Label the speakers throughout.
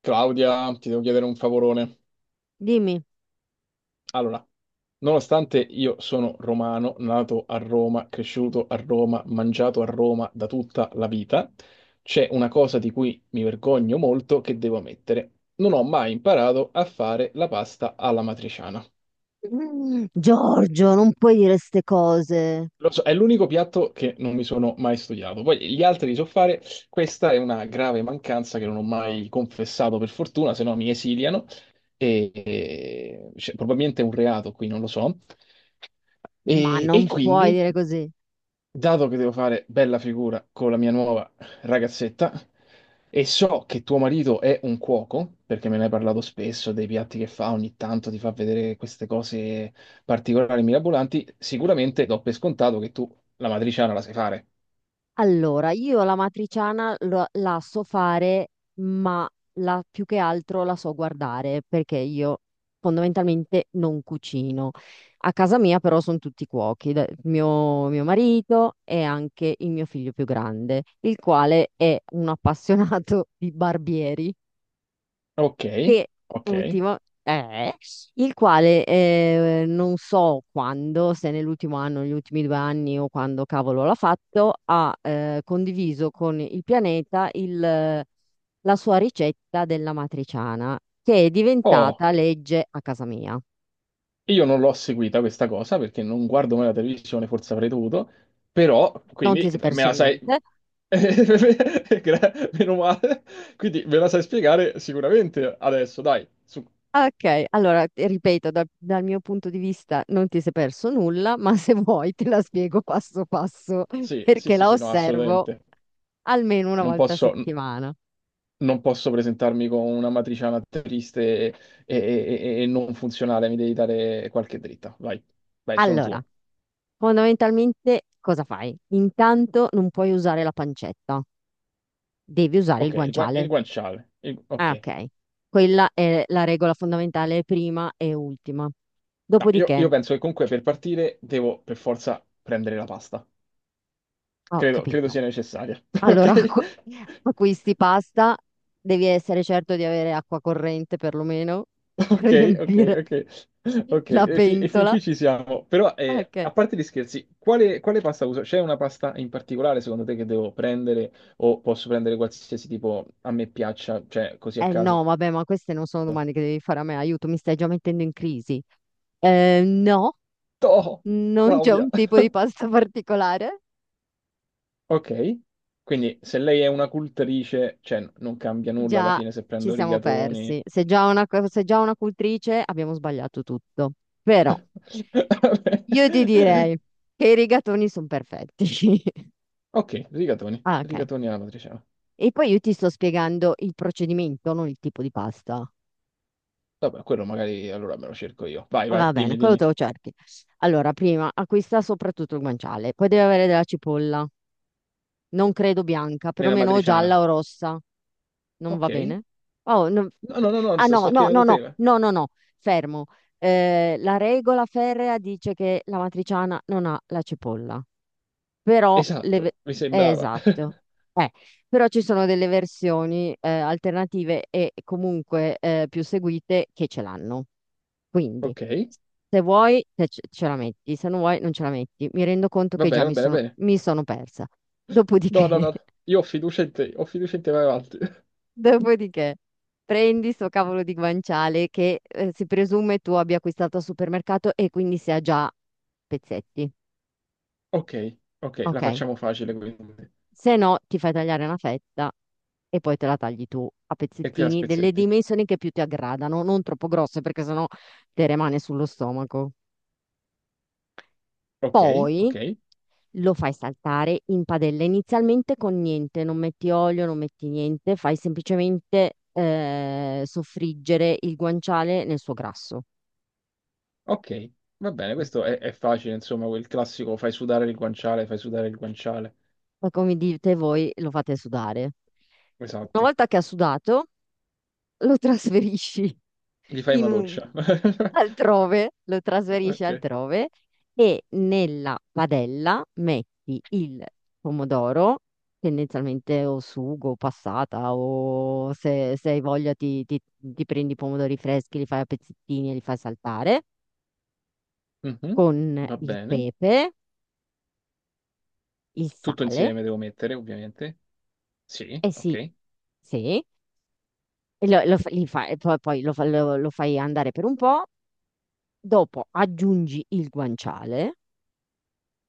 Speaker 1: Claudia, ti devo chiedere un favorone.
Speaker 2: Dimmi.
Speaker 1: Allora, nonostante io sono romano, nato a Roma, cresciuto a Roma, mangiato a Roma da tutta la vita, c'è una cosa di cui mi vergogno molto che devo ammettere. Non ho mai imparato a fare la pasta alla matriciana.
Speaker 2: Giorgio, non puoi dire ste cose,
Speaker 1: Lo so, è l'unico piatto che non mi sono mai studiato. Poi gli altri li so fare. Questa è una grave mancanza che non ho mai confessato, per fortuna, se no mi esiliano. Cioè, probabilmente è un reato qui, non lo so.
Speaker 2: ma
Speaker 1: E
Speaker 2: non puoi
Speaker 1: quindi
Speaker 2: dire così.
Speaker 1: dato che devo fare bella figura con la mia nuova ragazzetta e so che tuo marito è un cuoco, perché me ne hai parlato spesso dei piatti che fa, ogni tanto ti fa vedere queste cose particolari, mirabolanti, sicuramente do per scontato che tu la matriciana la sai fare.
Speaker 2: Allora, io la matriciana la so fare, ma più che altro la so guardare, perché io fondamentalmente non cucino. A casa mia però sono tutti cuochi, mio marito e anche il mio figlio più grande, il quale è un appassionato di barbieri.
Speaker 1: Ok,
Speaker 2: Che
Speaker 1: ok.
Speaker 2: ultimo è, il quale non so quando, se nell'ultimo anno, negli ultimi 2 anni o quando cavolo l'ha fatto, ha condiviso con il pianeta la sua ricetta della matriciana, che è
Speaker 1: Oh.
Speaker 2: diventata legge a casa mia.
Speaker 1: Io non l'ho seguita questa cosa perché non guardo mai la televisione, forse avrei dovuto, però
Speaker 2: Non ti
Speaker 1: quindi
Speaker 2: sei
Speaker 1: me
Speaker 2: perso
Speaker 1: la sai.
Speaker 2: niente.
Speaker 1: Meno male. Quindi me la sai spiegare sicuramente adesso, dai. Su-
Speaker 2: Ah, ok, allora ti ripeto, dal mio punto di vista non ti sei perso nulla, ma se vuoi te la spiego passo passo
Speaker 1: Sì, sì,
Speaker 2: perché
Speaker 1: sì,
Speaker 2: la
Speaker 1: sì, no,
Speaker 2: osservo
Speaker 1: assolutamente.
Speaker 2: almeno una
Speaker 1: Non
Speaker 2: volta a
Speaker 1: posso,
Speaker 2: settimana.
Speaker 1: non posso presentarmi con una matriciana triste e- e non funzionale, mi devi dare qualche dritta. Vai, vai, sono
Speaker 2: Allora,
Speaker 1: tuo.
Speaker 2: fondamentalmente cosa fai? Intanto non puoi usare la pancetta, devi usare il
Speaker 1: Ok, il
Speaker 2: guanciale.
Speaker 1: guanciale. Il-
Speaker 2: Ah,
Speaker 1: ok.
Speaker 2: ok. Quella è la regola fondamentale prima e ultima.
Speaker 1: No, io
Speaker 2: Dopodiché,
Speaker 1: penso che comunque per partire devo per forza prendere la pasta.
Speaker 2: ho
Speaker 1: Credo
Speaker 2: capito.
Speaker 1: sia necessaria.
Speaker 2: Allora, acquisti pasta, devi essere certo di avere acqua corrente perlomeno per
Speaker 1: Ok, ok,
Speaker 2: riempire
Speaker 1: ok, ok. Ok,
Speaker 2: la
Speaker 1: e fin
Speaker 2: pentola.
Speaker 1: qui ci siamo. Però,
Speaker 2: Ok.
Speaker 1: a parte gli scherzi, quale pasta uso? C'è una pasta in particolare secondo te che devo prendere o posso prendere qualsiasi tipo a me piaccia, cioè così a
Speaker 2: Eh
Speaker 1: caso?
Speaker 2: no, vabbè, ma queste non sono domande che devi fare a me, aiuto, mi stai già mettendo in crisi. No,
Speaker 1: Oh,
Speaker 2: non c'è
Speaker 1: Claudia!
Speaker 2: un tipo di pasta particolare.
Speaker 1: Ok, quindi se lei è una cultrice, cioè non cambia nulla alla
Speaker 2: Già
Speaker 1: fine se
Speaker 2: ci
Speaker 1: prendo
Speaker 2: siamo
Speaker 1: rigatoni.
Speaker 2: persi. Se già una, se già una cultrice abbiamo sbagliato tutto. Però
Speaker 1: Vabbè.
Speaker 2: io ti direi che i rigatoni sono perfetti.
Speaker 1: Ok, rigatoni,
Speaker 2: Ah, ok.
Speaker 1: rigatoni alla matriciana.
Speaker 2: E poi io ti sto spiegando il procedimento, non il tipo di pasta.
Speaker 1: Vabbè, quello magari allora me lo cerco io. Vai, vai,
Speaker 2: Va bene,
Speaker 1: dimmi,
Speaker 2: quello te
Speaker 1: dimmi.
Speaker 2: lo cerchi. Allora, prima acquista soprattutto il guanciale, poi deve avere della cipolla, non credo bianca,
Speaker 1: Nella
Speaker 2: perlomeno o
Speaker 1: matriciana.
Speaker 2: gialla o rossa, non va
Speaker 1: Ok.
Speaker 2: bene? Oh,
Speaker 1: No, no, no, no,
Speaker 2: ah no,
Speaker 1: sto
Speaker 2: no,
Speaker 1: chiedendo
Speaker 2: no,
Speaker 1: a
Speaker 2: no,
Speaker 1: te. Va.
Speaker 2: no, no, no, fermo. La regola ferrea dice che la matriciana non ha la cipolla. Però
Speaker 1: Esatto, mi sembrava.
Speaker 2: esatto. Eh, però ci sono delle versioni alternative e comunque più seguite che ce l'hanno. Quindi,
Speaker 1: Ok.
Speaker 2: se vuoi, te ce la metti, se non vuoi, non ce la metti. Mi rendo conto
Speaker 1: Va
Speaker 2: che già
Speaker 1: bene,
Speaker 2: mi
Speaker 1: va bene,
Speaker 2: sono,
Speaker 1: va bene.
Speaker 2: mi sono persa. Dopodiché,
Speaker 1: No, no, no. Io ho fiducia in te, ho fiducia in te, vai avanti.
Speaker 2: dopodiché, prendi sto cavolo di guanciale che si presume tu abbia acquistato al supermercato e quindi sia già a pezzetti.
Speaker 1: Ok, ok, la
Speaker 2: Ok?
Speaker 1: facciamo facile quindi.
Speaker 2: Se no, ti fai tagliare una fetta e poi te la tagli tu a
Speaker 1: E te la
Speaker 2: pezzettini delle
Speaker 1: spezzetti.
Speaker 2: dimensioni che più ti aggradano, non troppo grosse perché sennò te rimane sullo stomaco.
Speaker 1: Ok,
Speaker 2: Poi
Speaker 1: ok,
Speaker 2: lo fai saltare in padella, inizialmente con niente, non metti olio, non metti niente, fai semplicemente soffriggere il guanciale nel suo grasso.
Speaker 1: ok. Va bene, è facile, insomma, quel classico fai sudare il guanciale, fai sudare il guanciale.
Speaker 2: Ma come dite voi, lo fate sudare. Una
Speaker 1: Esatto.
Speaker 2: volta che ha sudato, lo trasferisci
Speaker 1: Gli fai
Speaker 2: in
Speaker 1: una
Speaker 2: un-
Speaker 1: doccia.
Speaker 2: altrove, lo trasferisci
Speaker 1: Ok.
Speaker 2: altrove e nella padella metti il pomodoro, tendenzialmente o sugo, o passata, o se, se hai voglia ti prendi i pomodori freschi, li fai a pezzettini e li fai saltare,
Speaker 1: Mhm.
Speaker 2: con
Speaker 1: Va
Speaker 2: il
Speaker 1: bene.
Speaker 2: pepe, il
Speaker 1: Tutto
Speaker 2: sale,
Speaker 1: insieme devo mettere, ovviamente. Sì,
Speaker 2: e sì,
Speaker 1: ok.
Speaker 2: sì, e lo- lo fa- li fa- e poi, poi lo fa- lo- lo fai andare per un po', dopo aggiungi il guanciale,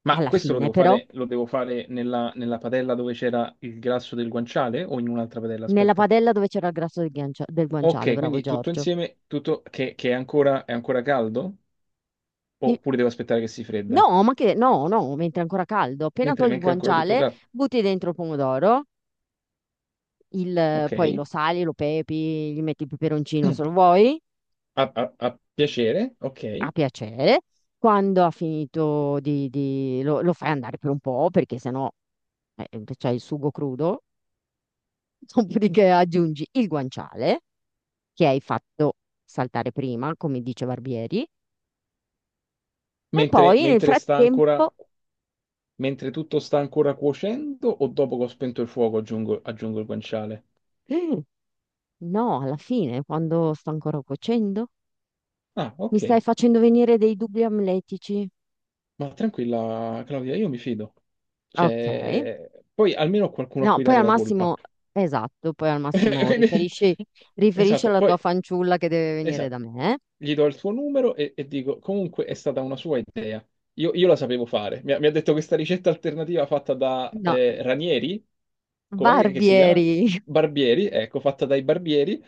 Speaker 1: Ma
Speaker 2: alla
Speaker 1: questo
Speaker 2: fine però
Speaker 1: lo devo fare nella padella dove c'era il grasso del guanciale o in un'altra padella?
Speaker 2: nella
Speaker 1: Aspetta.
Speaker 2: padella dove c'era il grasso del, del guanciale,
Speaker 1: Ok,
Speaker 2: bravo
Speaker 1: quindi tutto
Speaker 2: Giorgio.
Speaker 1: insieme, che è ancora caldo?
Speaker 2: Sì.
Speaker 1: Oppure devo aspettare che si fredda?
Speaker 2: No, ma che no, no, mentre è ancora caldo. Appena
Speaker 1: Mentre
Speaker 2: togli il
Speaker 1: manca ancora tutto
Speaker 2: guanciale,
Speaker 1: caldo.
Speaker 2: butti dentro il pomodoro,
Speaker 1: Ok.
Speaker 2: poi lo sali, lo pepi, gli metti il peperoncino se lo vuoi,
Speaker 1: A piacere, ok.
Speaker 2: a piacere. Quando ha finito di, lo fai andare per un po', perché sennò c'è il sugo crudo, dopodiché aggiungi il guanciale che hai fatto saltare prima, come dice Barbieri, e poi nel
Speaker 1: Mentre sta
Speaker 2: frattempo.
Speaker 1: ancora, mentre tutto sta ancora cuocendo o dopo che ho spento il fuoco aggiungo il guanciale?
Speaker 2: No, alla fine, quando sto ancora cuocendo,
Speaker 1: Ah,
Speaker 2: mi stai
Speaker 1: ok.
Speaker 2: facendo venire dei dubbi amletici.
Speaker 1: Ma tranquilla, Claudia, io mi fido.
Speaker 2: Ok.
Speaker 1: Cioè, poi almeno ho qualcuno a
Speaker 2: No,
Speaker 1: cui
Speaker 2: poi
Speaker 1: dare
Speaker 2: al
Speaker 1: la colpa.
Speaker 2: massimo, esatto, poi al massimo
Speaker 1: Quindi-
Speaker 2: riferisci
Speaker 1: esatto,
Speaker 2: alla tua
Speaker 1: poi
Speaker 2: fanciulla che deve venire
Speaker 1: esatto.
Speaker 2: da me.
Speaker 1: Gli do il suo numero e dico, comunque è stata una sua idea. Io la sapevo fare. Mi ha detto questa ricetta alternativa fatta da
Speaker 2: No,
Speaker 1: Ranieri, com'è che si chiama?
Speaker 2: barbieri.
Speaker 1: Barbieri, ecco, fatta dai barbieri.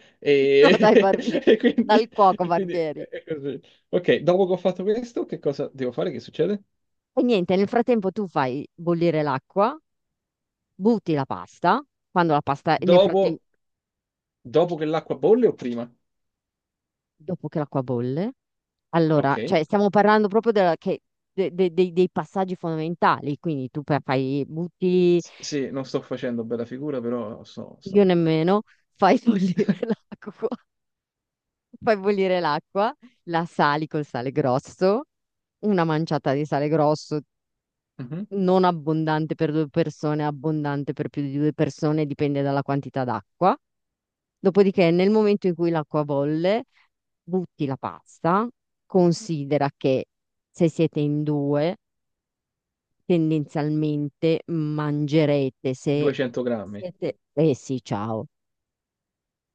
Speaker 2: No,
Speaker 1: E,
Speaker 2: dai, barbieri.
Speaker 1: e
Speaker 2: Dal
Speaker 1: quindi,
Speaker 2: cuoco,
Speaker 1: e quindi
Speaker 2: barbieri.
Speaker 1: è così. Ok, dopo che ho fatto questo, che cosa devo fare? Che succede?
Speaker 2: E niente, nel frattempo tu fai bollire l'acqua, butti la pasta, quando la pasta, nel frattempo,
Speaker 1: Dopo Dopo che l'acqua bolle o prima?
Speaker 2: dopo che l'acqua bolle. Allora,
Speaker 1: Ok.
Speaker 2: cioè stiamo parlando proprio dei passaggi fondamentali, quindi tu fai, butti,
Speaker 1: Sì, non sto facendo bella figura, però sto, sto
Speaker 2: io
Speaker 1: nel panico.
Speaker 2: nemmeno, fai bollire l'acqua, fai bollire l'acqua, la sali col sale grosso, una manciata di sale grosso,
Speaker 1: Mhm.
Speaker 2: non abbondante per 2 persone, abbondante per più di 2 persone, dipende dalla quantità d'acqua. Dopodiché, nel momento in cui l'acqua bolle, butti la pasta, considera che se siete in due tendenzialmente mangerete se
Speaker 1: 200 grammi?
Speaker 2: siete... Eh sì, ciao.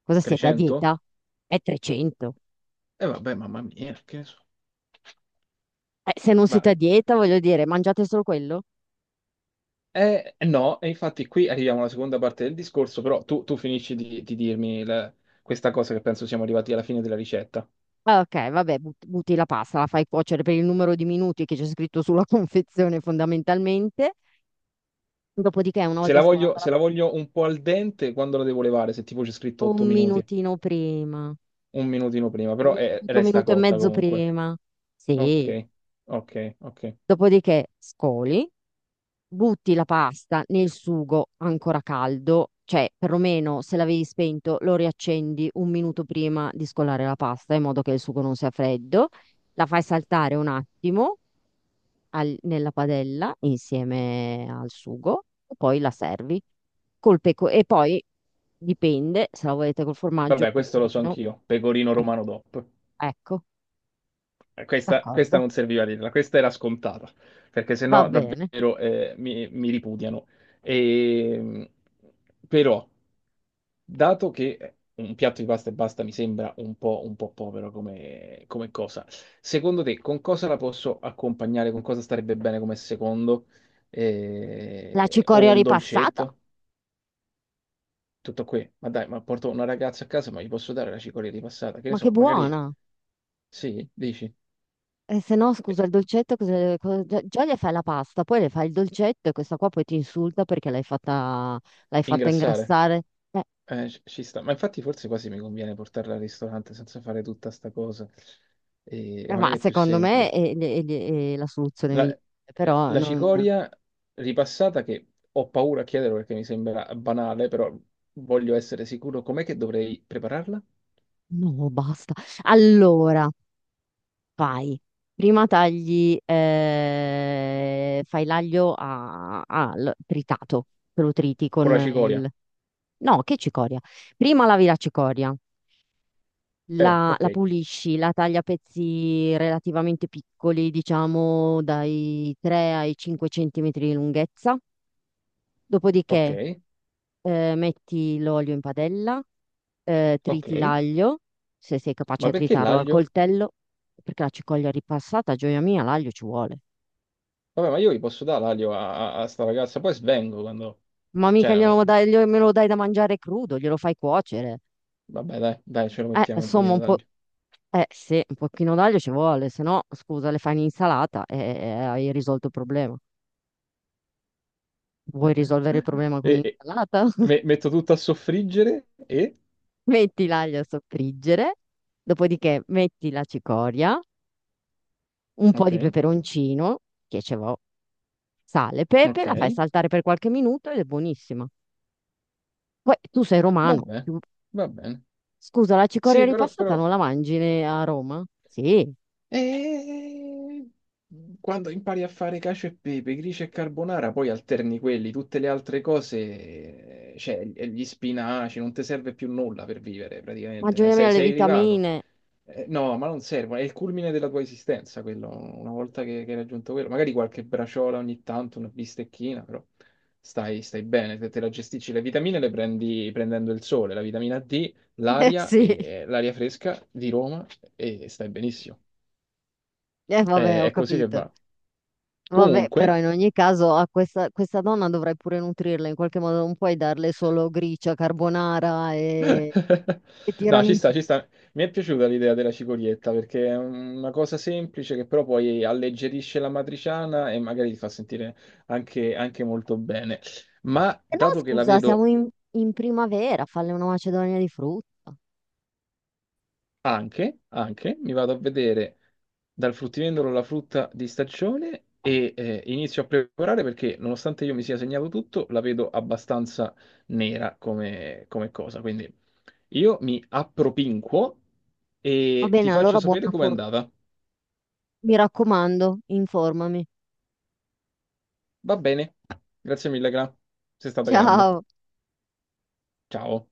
Speaker 2: Cosa siete a
Speaker 1: 300?
Speaker 2: dieta? È 300.
Speaker 1: E vabbè, mamma mia, che ne so.
Speaker 2: Se non
Speaker 1: Ma,
Speaker 2: siete a dieta, voglio dire, mangiate solo quello?
Speaker 1: no, e infatti qui arriviamo alla seconda parte del discorso, però tu finisci di dirmi la- questa cosa che penso siamo arrivati alla fine della ricetta.
Speaker 2: Ah, ok, vabbè, butti la pasta, la fai cuocere per il numero di minuti che c'è scritto sulla confezione fondamentalmente. Dopodiché, una
Speaker 1: Se
Speaker 2: volta
Speaker 1: la voglio,
Speaker 2: scolata la
Speaker 1: se la
Speaker 2: pasta,
Speaker 1: voglio un po' al dente, quando la devo levare? Se tipo c'è scritto 8
Speaker 2: un
Speaker 1: minuti,
Speaker 2: minutino prima,
Speaker 1: un minutino prima, però
Speaker 2: un
Speaker 1: resta
Speaker 2: minuto e
Speaker 1: cotta
Speaker 2: mezzo
Speaker 1: comunque.
Speaker 2: prima. Sì.
Speaker 1: Ok, ok, ok.
Speaker 2: Dopodiché scoli, butti la pasta nel sugo ancora caldo, cioè perlomeno se l'avevi spento lo riaccendi un minuto prima di scolare la pasta in modo che il sugo non sia freddo, la fai saltare un attimo nella padella insieme al sugo e poi la servi col peco e poi dipende se la volete col formaggio,
Speaker 1: Vabbè, questo lo so
Speaker 2: pecorino,
Speaker 1: anch'io, pecorino
Speaker 2: eh,
Speaker 1: romano DOP.
Speaker 2: ecco,
Speaker 1: Questa, questa
Speaker 2: d'accordo,
Speaker 1: non serviva a dirla, questa era scontata, perché
Speaker 2: va
Speaker 1: sennò
Speaker 2: bene.
Speaker 1: davvero mi ripudiano. E, però, dato che un piatto di pasta e basta mi sembra un po' povero come, come cosa, secondo te con cosa la posso accompagnare? Con cosa starebbe bene come secondo?
Speaker 2: La
Speaker 1: O
Speaker 2: cicoria
Speaker 1: un
Speaker 2: ripassata,
Speaker 1: dolcetto? Tutto qui. Ma dai, ma porto una ragazza a casa, ma gli posso dare la cicoria di passata? Che ne
Speaker 2: ma che
Speaker 1: so, magari...
Speaker 2: buona!
Speaker 1: Sì, dici?
Speaker 2: E se no, scusa, il dolcetto, già, già le fai la pasta, poi le fai il dolcetto e questa qua poi ti insulta perché l'hai fatta
Speaker 1: Ingrassare?
Speaker 2: ingrassare. Eh,
Speaker 1: Ci ci sta. Ma infatti forse quasi mi conviene portarla al ristorante senza fare tutta sta cosa. E
Speaker 2: ma
Speaker 1: magari è più
Speaker 2: secondo me
Speaker 1: semplice.
Speaker 2: è la soluzione
Speaker 1: La,
Speaker 2: migliore, però
Speaker 1: la
Speaker 2: non...
Speaker 1: cicoria ripassata, che ho paura a chiederlo perché mi sembra banale, però voglio essere sicuro. Com'è che dovrei prepararla?
Speaker 2: No, basta. Allora, fai. Prima tagli, fai l'aglio a, al tritato, te lo triti
Speaker 1: Con
Speaker 2: con
Speaker 1: la cicoria?
Speaker 2: il... No, che cicoria. Prima lavi la cicoria, la
Speaker 1: Ok,
Speaker 2: la pulisci, la tagli a pezzi relativamente piccoli, diciamo dai 3 ai 5 centimetri di lunghezza. Dopodiché
Speaker 1: ok,
Speaker 2: metti l'olio in padella, triti
Speaker 1: ok.
Speaker 2: l'aglio, se sei capace
Speaker 1: Ma
Speaker 2: a
Speaker 1: perché
Speaker 2: tritarlo al
Speaker 1: l'aglio?
Speaker 2: coltello, perché la cicoglia ripassata, gioia mia, l'aglio ci vuole.
Speaker 1: Vabbè, ma io gli posso dare l'aglio a sta ragazza, poi svengo quando...
Speaker 2: Ma
Speaker 1: Cioè,
Speaker 2: mica
Speaker 1: no,
Speaker 2: me lo dai da mangiare crudo, glielo fai cuocere.
Speaker 1: vabbè, dai, dai, ce lo mettiamo un
Speaker 2: Insomma,
Speaker 1: pochino
Speaker 2: un po',
Speaker 1: d'aglio.
Speaker 2: sì, un pochino d'aglio ci vuole, se no, scusa, le fai in insalata e hai risolto il problema. Vuoi risolvere il problema con
Speaker 1: E, e-
Speaker 2: l'insalata?
Speaker 1: metto tutto a soffriggere e...
Speaker 2: Metti l'aglio a soffriggere, dopodiché metti la cicoria, un po'
Speaker 1: Ok,
Speaker 2: di peperoncino, che ce l'ho, sale, pepe,
Speaker 1: ok,
Speaker 2: la fai saltare per qualche minuto ed è buonissima. Poi tu sei romano.
Speaker 1: vabbè, va bene.
Speaker 2: Scusa, la cicoria
Speaker 1: Sì, però,
Speaker 2: ripassata
Speaker 1: però...
Speaker 2: non la mangi a Roma? Sì,
Speaker 1: eh, quando impari a fare cacio e pepe, gricia e carbonara, poi alterni quelli, tutte le altre cose, cioè e gli spinaci, non ti serve più nulla per vivere praticamente. Eh.
Speaker 2: mangiami le
Speaker 1: Sei arrivato.
Speaker 2: vitamine.
Speaker 1: No, ma non servono, è il culmine della tua esistenza quello, una volta che hai raggiunto quello, magari qualche braciola ogni tanto, una bistecchina, però stai, stai bene, te la gestisci, le vitamine le prendi prendendo il sole, la vitamina D,
Speaker 2: Eh
Speaker 1: l'aria,
Speaker 2: sì,
Speaker 1: e l'aria fresca di Roma e stai benissimo.
Speaker 2: eh vabbè, ho
Speaker 1: È così che
Speaker 2: capito.
Speaker 1: va.
Speaker 2: Vabbè,
Speaker 1: Comunque,
Speaker 2: però in ogni caso a questa donna dovrai pure nutrirla in qualche modo, non puoi darle solo gricia, carbonara e E
Speaker 1: no, ci sta,
Speaker 2: tiramisù.
Speaker 1: ci sta. Mi è piaciuta l'idea della cicorietta perché è una cosa semplice che però poi alleggerisce la matriciana e magari ti fa sentire anche, anche molto bene. Ma
Speaker 2: E no,
Speaker 1: dato che la
Speaker 2: scusa, siamo
Speaker 1: vedo
Speaker 2: in primavera, falle una macedonia di frutta.
Speaker 1: anche, anche, mi vado a vedere dal fruttivendolo la frutta di stagione e inizio a preparare perché nonostante io mi sia segnato tutto, la vedo abbastanza nera come, come cosa. Quindi io mi appropinquo
Speaker 2: Va
Speaker 1: e ti
Speaker 2: bene,
Speaker 1: faccio
Speaker 2: allora buona
Speaker 1: sapere com'è
Speaker 2: fortuna.
Speaker 1: andata.
Speaker 2: Mi raccomando, informami.
Speaker 1: Va bene. Grazie mille, Gra. Sei stata grande.
Speaker 2: Ciao.
Speaker 1: Ciao.